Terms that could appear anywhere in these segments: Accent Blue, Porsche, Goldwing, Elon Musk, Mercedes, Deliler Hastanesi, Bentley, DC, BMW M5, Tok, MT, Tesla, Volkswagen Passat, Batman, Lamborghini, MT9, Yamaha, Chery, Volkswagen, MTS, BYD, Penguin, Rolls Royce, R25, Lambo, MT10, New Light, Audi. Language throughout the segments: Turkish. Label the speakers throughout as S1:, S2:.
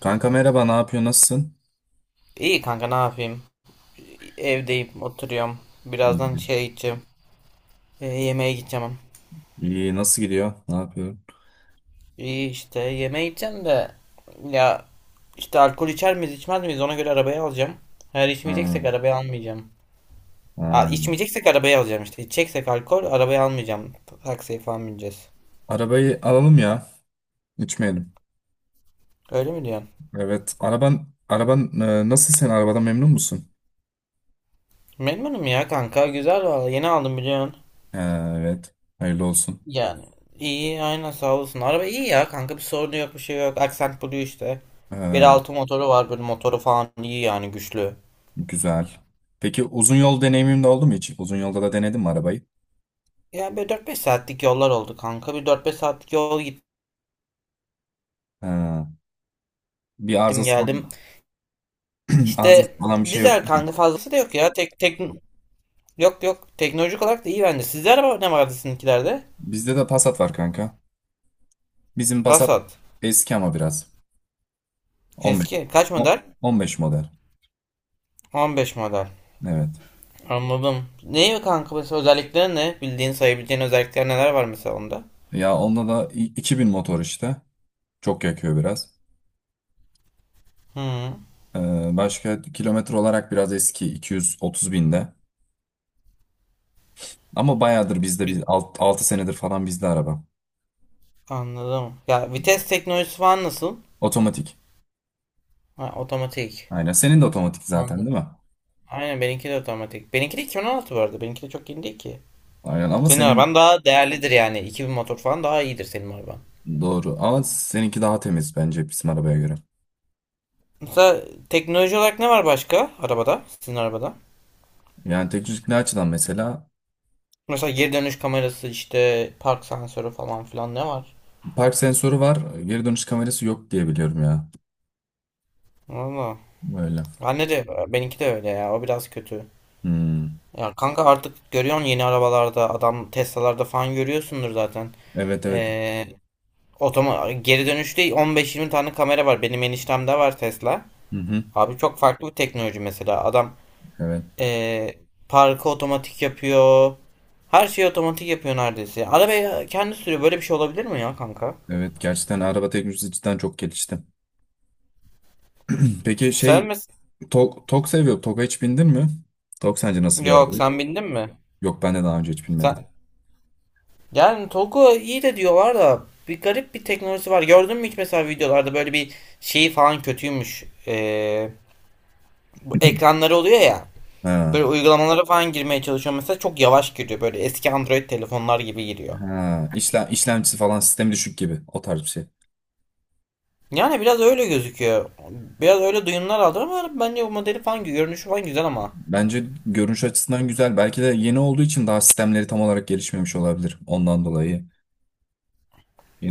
S1: Kanka merhaba, ne yapıyor, nasılsın?
S2: İyi kanka, ne yapayım? Evdeyim, oturuyorum.
S1: İyi.
S2: Birazdan şeye gideceğim. Yemeğe gideceğim.
S1: İyi, nasıl gidiyor? Ne yapıyor?
S2: İyi işte, yemeğe gideceğim de ya işte alkol içer miyiz içmez miyiz, ona göre arabayı alacağım. Eğer içmeyeceksek
S1: Ha,
S2: arabayı almayacağım. Aa,
S1: ha.
S2: içmeyeceksek arabayı alacağım işte. İçeceksek alkol, arabayı almayacağım. Taksiye falan bineceğiz.
S1: Arabayı alalım ya, içmeyelim.
S2: Öyle mi diyorsun?
S1: Evet, araban, nasıl sen arabadan memnun musun?
S2: Memnunum ya kanka. Güzel valla. Yeni aldım, biliyorsun.
S1: Ee, Evet, hayırlı olsun.
S2: Yani iyi, aynen sağ olsun. Araba iyi ya kanka, bir sorunu yok, bir şey yok. Accent Blue işte. Bir
S1: Ee,
S2: altı motoru var, böyle motoru falan iyi yani, güçlü.
S1: Güzel. Peki uzun yol deneyimin de oldu mu hiç? Uzun yolda da denedin mi arabayı?
S2: Yani böyle dört beş saatlik yollar oldu kanka. Bir dört beş saatlik yol gittim
S1: Ee, bir arızası falan,
S2: geldim.
S1: arızası
S2: İşte
S1: falan bir şey yok,
S2: dizel
S1: değil mi?
S2: kanka, fazlası da yok ya. Yok, teknolojik olarak da iyi bence. Sizde araba ne vardı, sizinkilerde?
S1: Bizde de Passat var, kanka. Bizim Passat
S2: Passat.
S1: eski ama biraz. 15.
S2: Eski kaç model?
S1: 15 model.
S2: 15 model.
S1: Evet.
S2: Anladım. Ne kanka, mesela özellikleri ne? Bildiğin sayabileceğin özellikler neler var mesela onda?
S1: Ya onda da 2000 motor işte. Çok yakıyor biraz.
S2: Hı.
S1: Başka kilometre olarak biraz eski, 230 binde. Ama bayağıdır bizde, biz 6 senedir falan bizde araba.
S2: Anladım. Ya vites teknolojisi falan nasıl?
S1: Otomatik.
S2: Ha, otomatik.
S1: Aynen. Senin de otomatik zaten,
S2: Anladım.
S1: değil mi?
S2: Aynen, benimki de otomatik. Benimki de 2016 bu arada. Benimki de çok yeni değil ki.
S1: Aynen ama
S2: Senin
S1: senin
S2: araban daha değerlidir yani. İki bin motor falan, daha iyidir senin araban.
S1: doğru. Ama seninki daha temiz bence bizim arabaya göre.
S2: Mesela teknoloji olarak ne var başka arabada? Sizin arabada?
S1: Yani teknik ne açıdan mesela
S2: Mesela geri dönüş kamerası işte, park sensörü falan filan, ne var?
S1: park sensörü var, geri dönüş kamerası yok diye biliyorum ya.
S2: Valla.
S1: Böyle.
S2: Bende de, benimki de öyle ya. O biraz kötü.
S1: Hmm.
S2: Ya kanka, artık görüyorsun yeni arabalarda, adam Tesla'larda falan görüyorsundur zaten.
S1: Evet, evet.
S2: Ee, Otoma geri dönüşte 15-20 tane kamera var. Benim eniştemde var Tesla.
S1: Hı hı.
S2: Abi çok farklı bir teknoloji mesela. Adam
S1: Evet.
S2: eee parkı otomatik yapıyor. Her şeyi otomatik yapıyor neredeyse. Arabayı kendi sürüyor. Böyle bir şey olabilir mi ya kanka?
S1: Evet, gerçekten araba teknolojisi cidden çok gelişti. Peki
S2: Sen
S1: şey
S2: mi?
S1: Tok seviyor. Tok'a hiç bindin mi? Tok sence nasıl bir araba?
S2: Yok, sen bindin mi?
S1: Yok, ben de daha önce hiç binmedim.
S2: Sen... Yani Togo iyi de diyorlar da, bir garip bir teknolojisi var. Gördün mü hiç mesela videolarda, böyle bir şeyi falan kötüymüş. Bu ekranları oluyor ya. Böyle
S1: Ha,
S2: uygulamalara falan girmeye çalışıyorum mesela, çok yavaş giriyor, böyle eski Android telefonlar gibi giriyor.
S1: ha. İşlemcisi falan sistemi düşük gibi o tarz bir şey.
S2: Yani biraz öyle gözüküyor. Biraz öyle duyumlar aldım ama bence bu modeli falan, görünüşü falan güzel ama.
S1: Bence görünüş açısından güzel. Belki de yeni olduğu için daha sistemleri tam olarak gelişmemiş olabilir. Ondan dolayı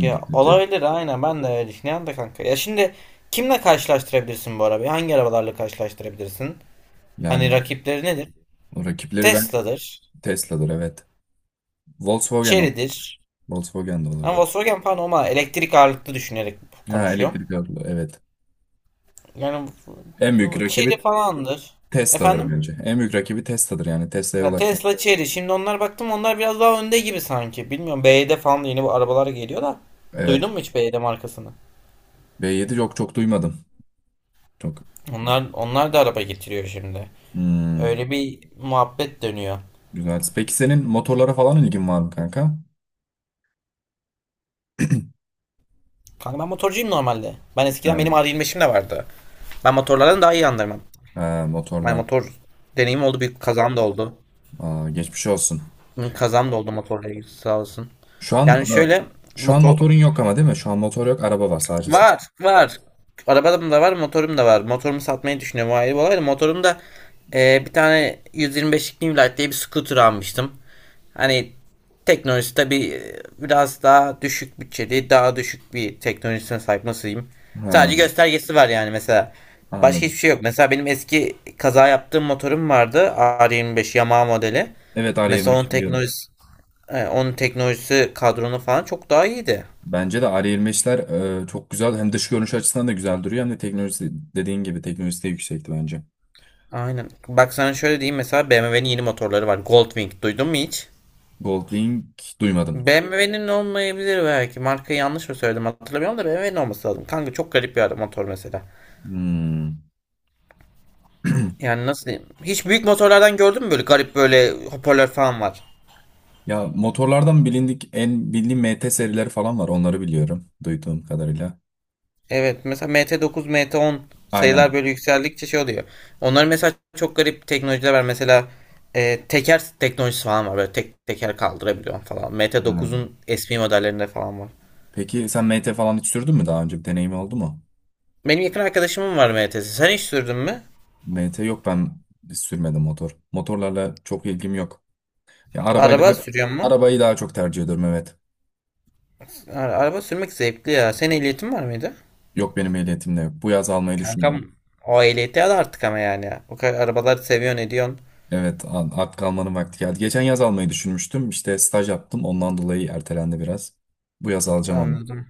S2: Ya
S1: katıyor.
S2: olabilir, aynen ben de öyle düşünüyorum da kanka. Ya şimdi kimle karşılaştırabilirsin bu arabayı? Hangi arabalarla karşılaştırabilirsin?
S1: Yani
S2: Hani rakipleri nedir?
S1: o rakipleri ben
S2: Tesla'dır,
S1: Tesla'dır, evet. Volkswagen ol-
S2: Chery'dir.
S1: Volkswagen de
S2: Ama
S1: olabilir.
S2: Volkswagen falan, ama elektrik ağırlıklı düşünerek
S1: Ha,
S2: konuşuyorum.
S1: elektrikli araba, evet.
S2: Yani
S1: En büyük
S2: bu- Chery
S1: rakibi
S2: falandır.
S1: Tesla'dır
S2: Efendim?
S1: bence. En büyük rakibi Tesla'dır, yani Tesla'ya
S2: Ya
S1: ulaşmak.
S2: Tesla, Cherry. Şimdi onlar, baktım onlar biraz daha önde gibi sanki. Bilmiyorum, BYD falan da yeni bu arabalar geliyor da. Duydun
S1: Evet.
S2: mu hiç BYD markasını?
S1: B7 yok, çok duymadım. Çok
S2: Onlar, da araba getiriyor şimdi.
S1: Hmm,
S2: Öyle bir muhabbet dönüyor.
S1: güzel. Peki senin motorlara falan ilgin var mı, kanka?
S2: Kanka ben motorcuyum normalde. Ben eskiden
S1: Ha,
S2: benim R25'im de vardı. Ben motorlardan daha iyi anlarım.
S1: ha,
S2: Ben
S1: motorlar.
S2: motor Deneyim oldu. Bir kazam da oldu.
S1: Aa, geçmiş olsun.
S2: Hı, kazam da oldu motorla ilgili, sağ olsun.
S1: Şu an
S2: Yani
S1: e,
S2: şöyle
S1: şu an
S2: motor
S1: motorun yok ama, değil mi? Şu an motor yok, araba var sadece sen.
S2: Var, var. Arabam da var, motorum da var. Motorumu satmayı düşünüyorum. O ayrı bir olay da, motorum da bir tane 125'lik New Light diye bir scooter almıştım. Hani teknolojisi tabii biraz daha düşük bütçeli, daha düşük bir teknolojisine sahip nasılayım.
S1: Ha,
S2: Sadece göstergesi var yani mesela. Başka hiçbir
S1: anladım.
S2: şey yok. Mesela benim eski kaza yaptığım motorum vardı. R25 Yamaha modeli.
S1: Evet,
S2: Mesela onun
S1: R25 biliyorum.
S2: teknolojisi, onun teknolojisi kadronu falan çok daha iyiydi.
S1: Bence de R25'ler, çok güzel. Hem dış görünüş açısından da güzel duruyor. Hem de teknolojisi, dediğin gibi teknolojisi de yüksekti bence.
S2: Aynen. Bak sana şöyle diyeyim, mesela BMW'nin yeni motorları var. Goldwing. Duydun mu hiç?
S1: Goldwing duymadım.
S2: BMW'nin olmayabilir belki. Markayı yanlış mı söyledim, hatırlamıyorum da BMW'nin olması lazım. Kanka çok garip bir adam motor mesela.
S1: Hmm.
S2: Yani nasıl diyeyim? Hiç büyük motorlardan gördün mü böyle, garip, böyle hoparlör falan var.
S1: Ya, motorlardan bilindik en bildiğim MT serileri falan var. Onları biliyorum duyduğum kadarıyla.
S2: Evet mesela MT9, MT10, sayılar
S1: Aynen.
S2: böyle yükseldikçe şey oluyor. Onların mesela çok garip teknolojiler var. Mesela teker teknolojisi falan var. Böyle tek teker kaldırabiliyor falan.
S1: Ha.
S2: MT9'un eski modellerinde falan var.
S1: Peki sen MT falan hiç sürdün mü daha önce? Bir deneyim oldu mu?
S2: Benim yakın arkadaşımın var MTS. Sen hiç sürdün mü?
S1: MT yok, ben sürmedim motor. Motorlarla çok ilgim yok. Ya,
S2: Araba sürüyor mu?
S1: arabayı daha çok tercih ediyorum, evet.
S2: Araba sürmek zevkli ya. Senin ehliyetin var mıydı?
S1: Yok, benim ehliyetim de yok. Bu yaz almayı düşünüyorum.
S2: Kankam, o ehliyeti al artık ama yani. O kadar arabaları seviyorsun, ediyorsun.
S1: Evet, artık almanın vakti geldi. Geçen yaz almayı düşünmüştüm. İşte staj yaptım. Ondan dolayı ertelendi biraz. Bu yaz alacağım ama.
S2: Anladım.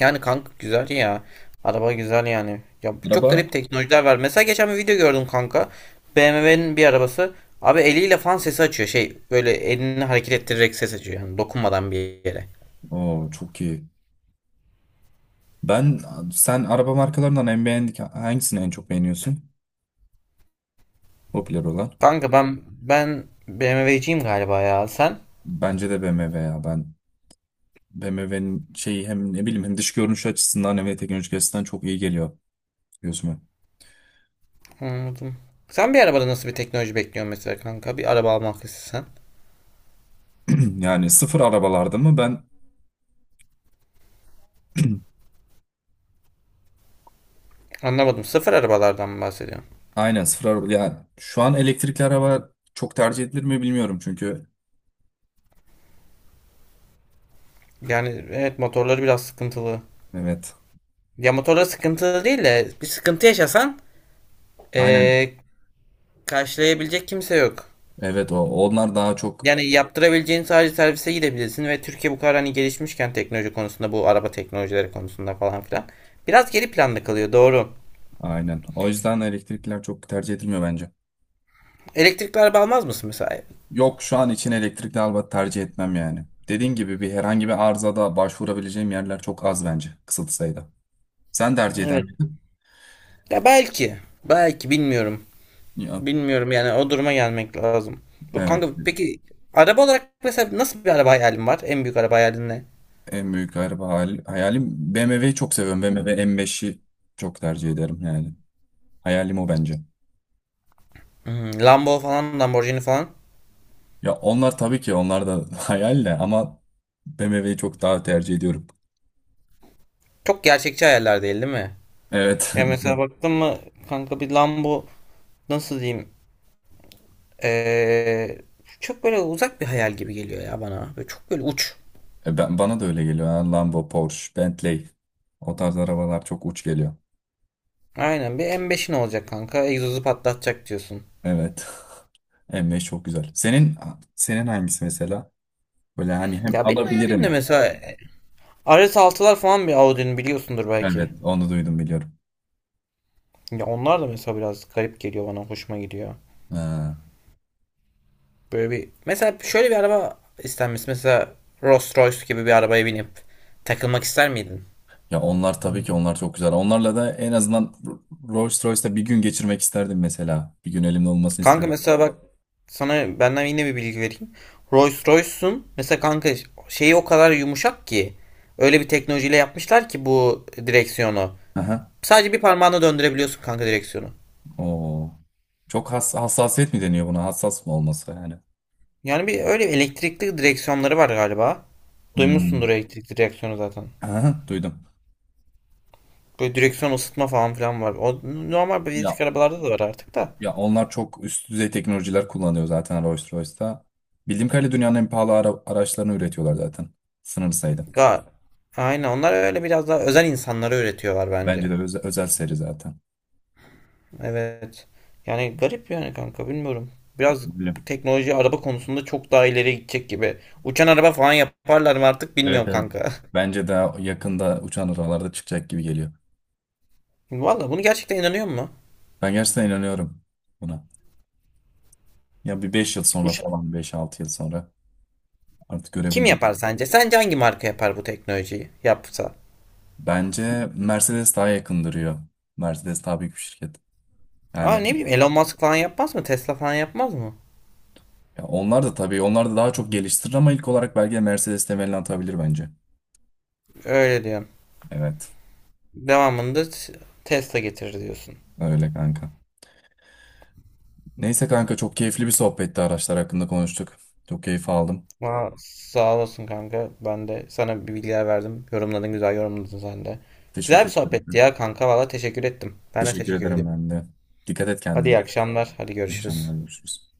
S2: Yani kanka güzel ya. Araba güzel yani. Ya çok
S1: Araba
S2: garip teknolojiler var. Mesela geçen bir video gördüm kanka. BMW'nin bir arabası. Abi eliyle fan sesi açıyor. Şey böyle, elini hareket ettirerek ses açıyor. Yani dokunmadan bir yere.
S1: O çok iyi. Ben Sen araba markalarından en beğendik hangisini en çok beğeniyorsun? Popüler olan.
S2: Kanka ben BMW'ciyim galiba ya. Sen?
S1: Bence de BMW ya, ben BMW'nin şeyi hem ne bileyim, hem dış görünüş açısından hem de teknolojik açısından çok iyi geliyor gözüme.
S2: Anladım. Sen bir arabada nasıl bir teknoloji bekliyorsun mesela kanka? Bir araba almak istesen.
S1: Yani sıfır arabalarda mı ben?
S2: Anlamadım. Sıfır arabalardan mı bahsediyorsun?
S1: Aynen, sıfır araba yani. Şu an elektrikli araba çok tercih edilir mi bilmiyorum, çünkü
S2: Yani evet, motorları biraz sıkıntılı.
S1: evet,
S2: Ya motorları sıkıntılı değil de, bir sıkıntı yaşasan
S1: aynen,
S2: eee, karşılayabilecek kimse yok.
S1: evet, onlar daha çok,
S2: Yani yaptırabileceğin, sadece servise gidebilirsin, ve Türkiye bu kadar hani gelişmişken teknoloji konusunda, bu araba teknolojileri konusunda falan filan. Biraz geri planda kalıyor, doğru.
S1: aynen, o yüzden elektrikliler çok tercih edilmiyor bence.
S2: Elektrikli araba almaz mısın mesela?
S1: Yok, şu an için elektrikli araba tercih etmem yani. Dediğin gibi herhangi bir arızada başvurabileceğim yerler çok az bence, kısıtlı sayıda. Sen tercih eden
S2: Evet. Ya belki. Belki bilmiyorum.
S1: Ya,
S2: Bilmiyorum yani, o duruma gelmek lazım. Bu
S1: evet.
S2: kanka peki, araba olarak mesela nasıl bir araba hayalin var? En büyük araba hayalin ne?
S1: En büyük araba hayalim BMW'yi çok seviyorum. BMW M5'i çok tercih ederim yani. Hayalim o bence.
S2: Hmm, Lambo falan, Lamborghini falan.
S1: Ya, onlar tabii ki, onlar da hayal de ama BMW'yi çok daha tercih ediyorum.
S2: Çok gerçekçi hayaller değil, değil mi?
S1: Evet.
S2: Ya mesela baktın mı kanka bir Lambo, nasıl diyeyim? Ee, Çok böyle uzak bir hayal gibi geliyor ya bana. Böyle çok böyle uç.
S1: Bana da öyle geliyor. Yani Lambo, Porsche, Bentley. O tarz arabalar çok uç geliyor.
S2: Aynen, bir M5'in olacak kanka. Egzozu patlatacak diyorsun.
S1: Evet. M5 çok güzel. Senin hangisi mesela? Böyle hani hem
S2: Ya benim hayalim de
S1: alabilirim.
S2: mesela rs altılar falan, bir Audi'nin, biliyorsundur belki.
S1: Evet, onu duydum, biliyorum.
S2: Ya onlar da mesela biraz garip geliyor bana. Hoşuma gidiyor.
S1: Ha.
S2: Böyle bir mesela, şöyle bir araba istenmesi. Mesela Rolls Royce gibi bir arabaya binip takılmak ister miydin?
S1: Ya onlar tabii ki, onlar çok güzel. Onlarla da, en azından Rolls Royce'da bir gün geçirmek isterdim mesela. Bir gün elimde olmasını
S2: Kanka
S1: isterdim.
S2: mesela bak, sana benden yine bir bilgi vereyim. Rolls Royce'un mesela kanka şeyi o kadar yumuşak ki, öyle bir teknolojiyle yapmışlar ki bu direksiyonu.
S1: Aha.
S2: Sadece bir parmağına döndürebiliyorsun kanka direksiyonu.
S1: Oo. Çok hassasiyet mi deniyor buna? Hassas mı olması yani?
S2: Yani bir öyle elektrikli direksiyonları var galiba. Duymuşsundur
S1: Hmm.
S2: elektrikli direksiyonu zaten.
S1: Aha, duydum.
S2: Böyle direksiyon ısıtma falan filan var. O normal bilezik
S1: Ya
S2: arabalarda da var artık da.
S1: ya onlar çok üst düzey teknolojiler kullanıyor zaten Rolls Royce'da. Bildiğim kadarıyla dünyanın en pahalı araçlarını üretiyorlar zaten. Sınır sayıda.
S2: Ga Aynen, onlar öyle biraz daha özel insanlara üretiyorlar
S1: Bence
S2: bence.
S1: de özel seri zaten.
S2: Evet. Yani garip yani kanka, bilmiyorum. Biraz
S1: Bilmiyorum.
S2: teknoloji, araba konusunda çok daha ileri gidecek gibi. Uçan araba falan yaparlar mı artık,
S1: Evet,
S2: bilmiyorum
S1: evet.
S2: kanka.
S1: Bence de yakında uçan aralarda çıkacak gibi geliyor.
S2: Valla bunu gerçekten inanıyor musun?
S1: Ben gerçekten inanıyorum buna. Ya bir 5 yıl sonra
S2: Uça
S1: falan, 5-6 yıl sonra artık
S2: Kim yapar
S1: görebilirim.
S2: sence? Sence hangi marka yapar bu teknolojiyi, yapsa?
S1: Bence Mercedes daha yakındırıyor. Mercedes daha büyük bir şirket.
S2: Aa,
S1: Yani
S2: ne bileyim, Elon Musk falan yapmaz mı? Tesla falan yapmaz mı?
S1: ya onlar da, tabii onlar da daha çok geliştirir ama ilk olarak belki de Mercedes temelini atabilir bence.
S2: Öyle diyorum.
S1: Evet,
S2: Devamında t- Tesla getirir diyorsun.
S1: öyle kanka. Neyse kanka, çok keyifli bir sohbetti, araçlar hakkında konuştuk. Çok keyif aldım.
S2: Ama sağ olasın kanka. Ben de sana bir bilgiler verdim. Yorumladın, güzel yorumladın sen de. Güzel
S1: Teşekkür
S2: bir
S1: ederim,
S2: sohbetti ya
S1: kanka.
S2: kanka. Valla teşekkür ettim. Ben de
S1: Teşekkür
S2: teşekkür
S1: ederim
S2: ediyorum.
S1: ben de. Dikkat et
S2: Hadi
S1: kendine.
S2: iyi akşamlar. Hadi
S1: İyi
S2: görüşürüz.
S1: akşamlar, görüşürüz.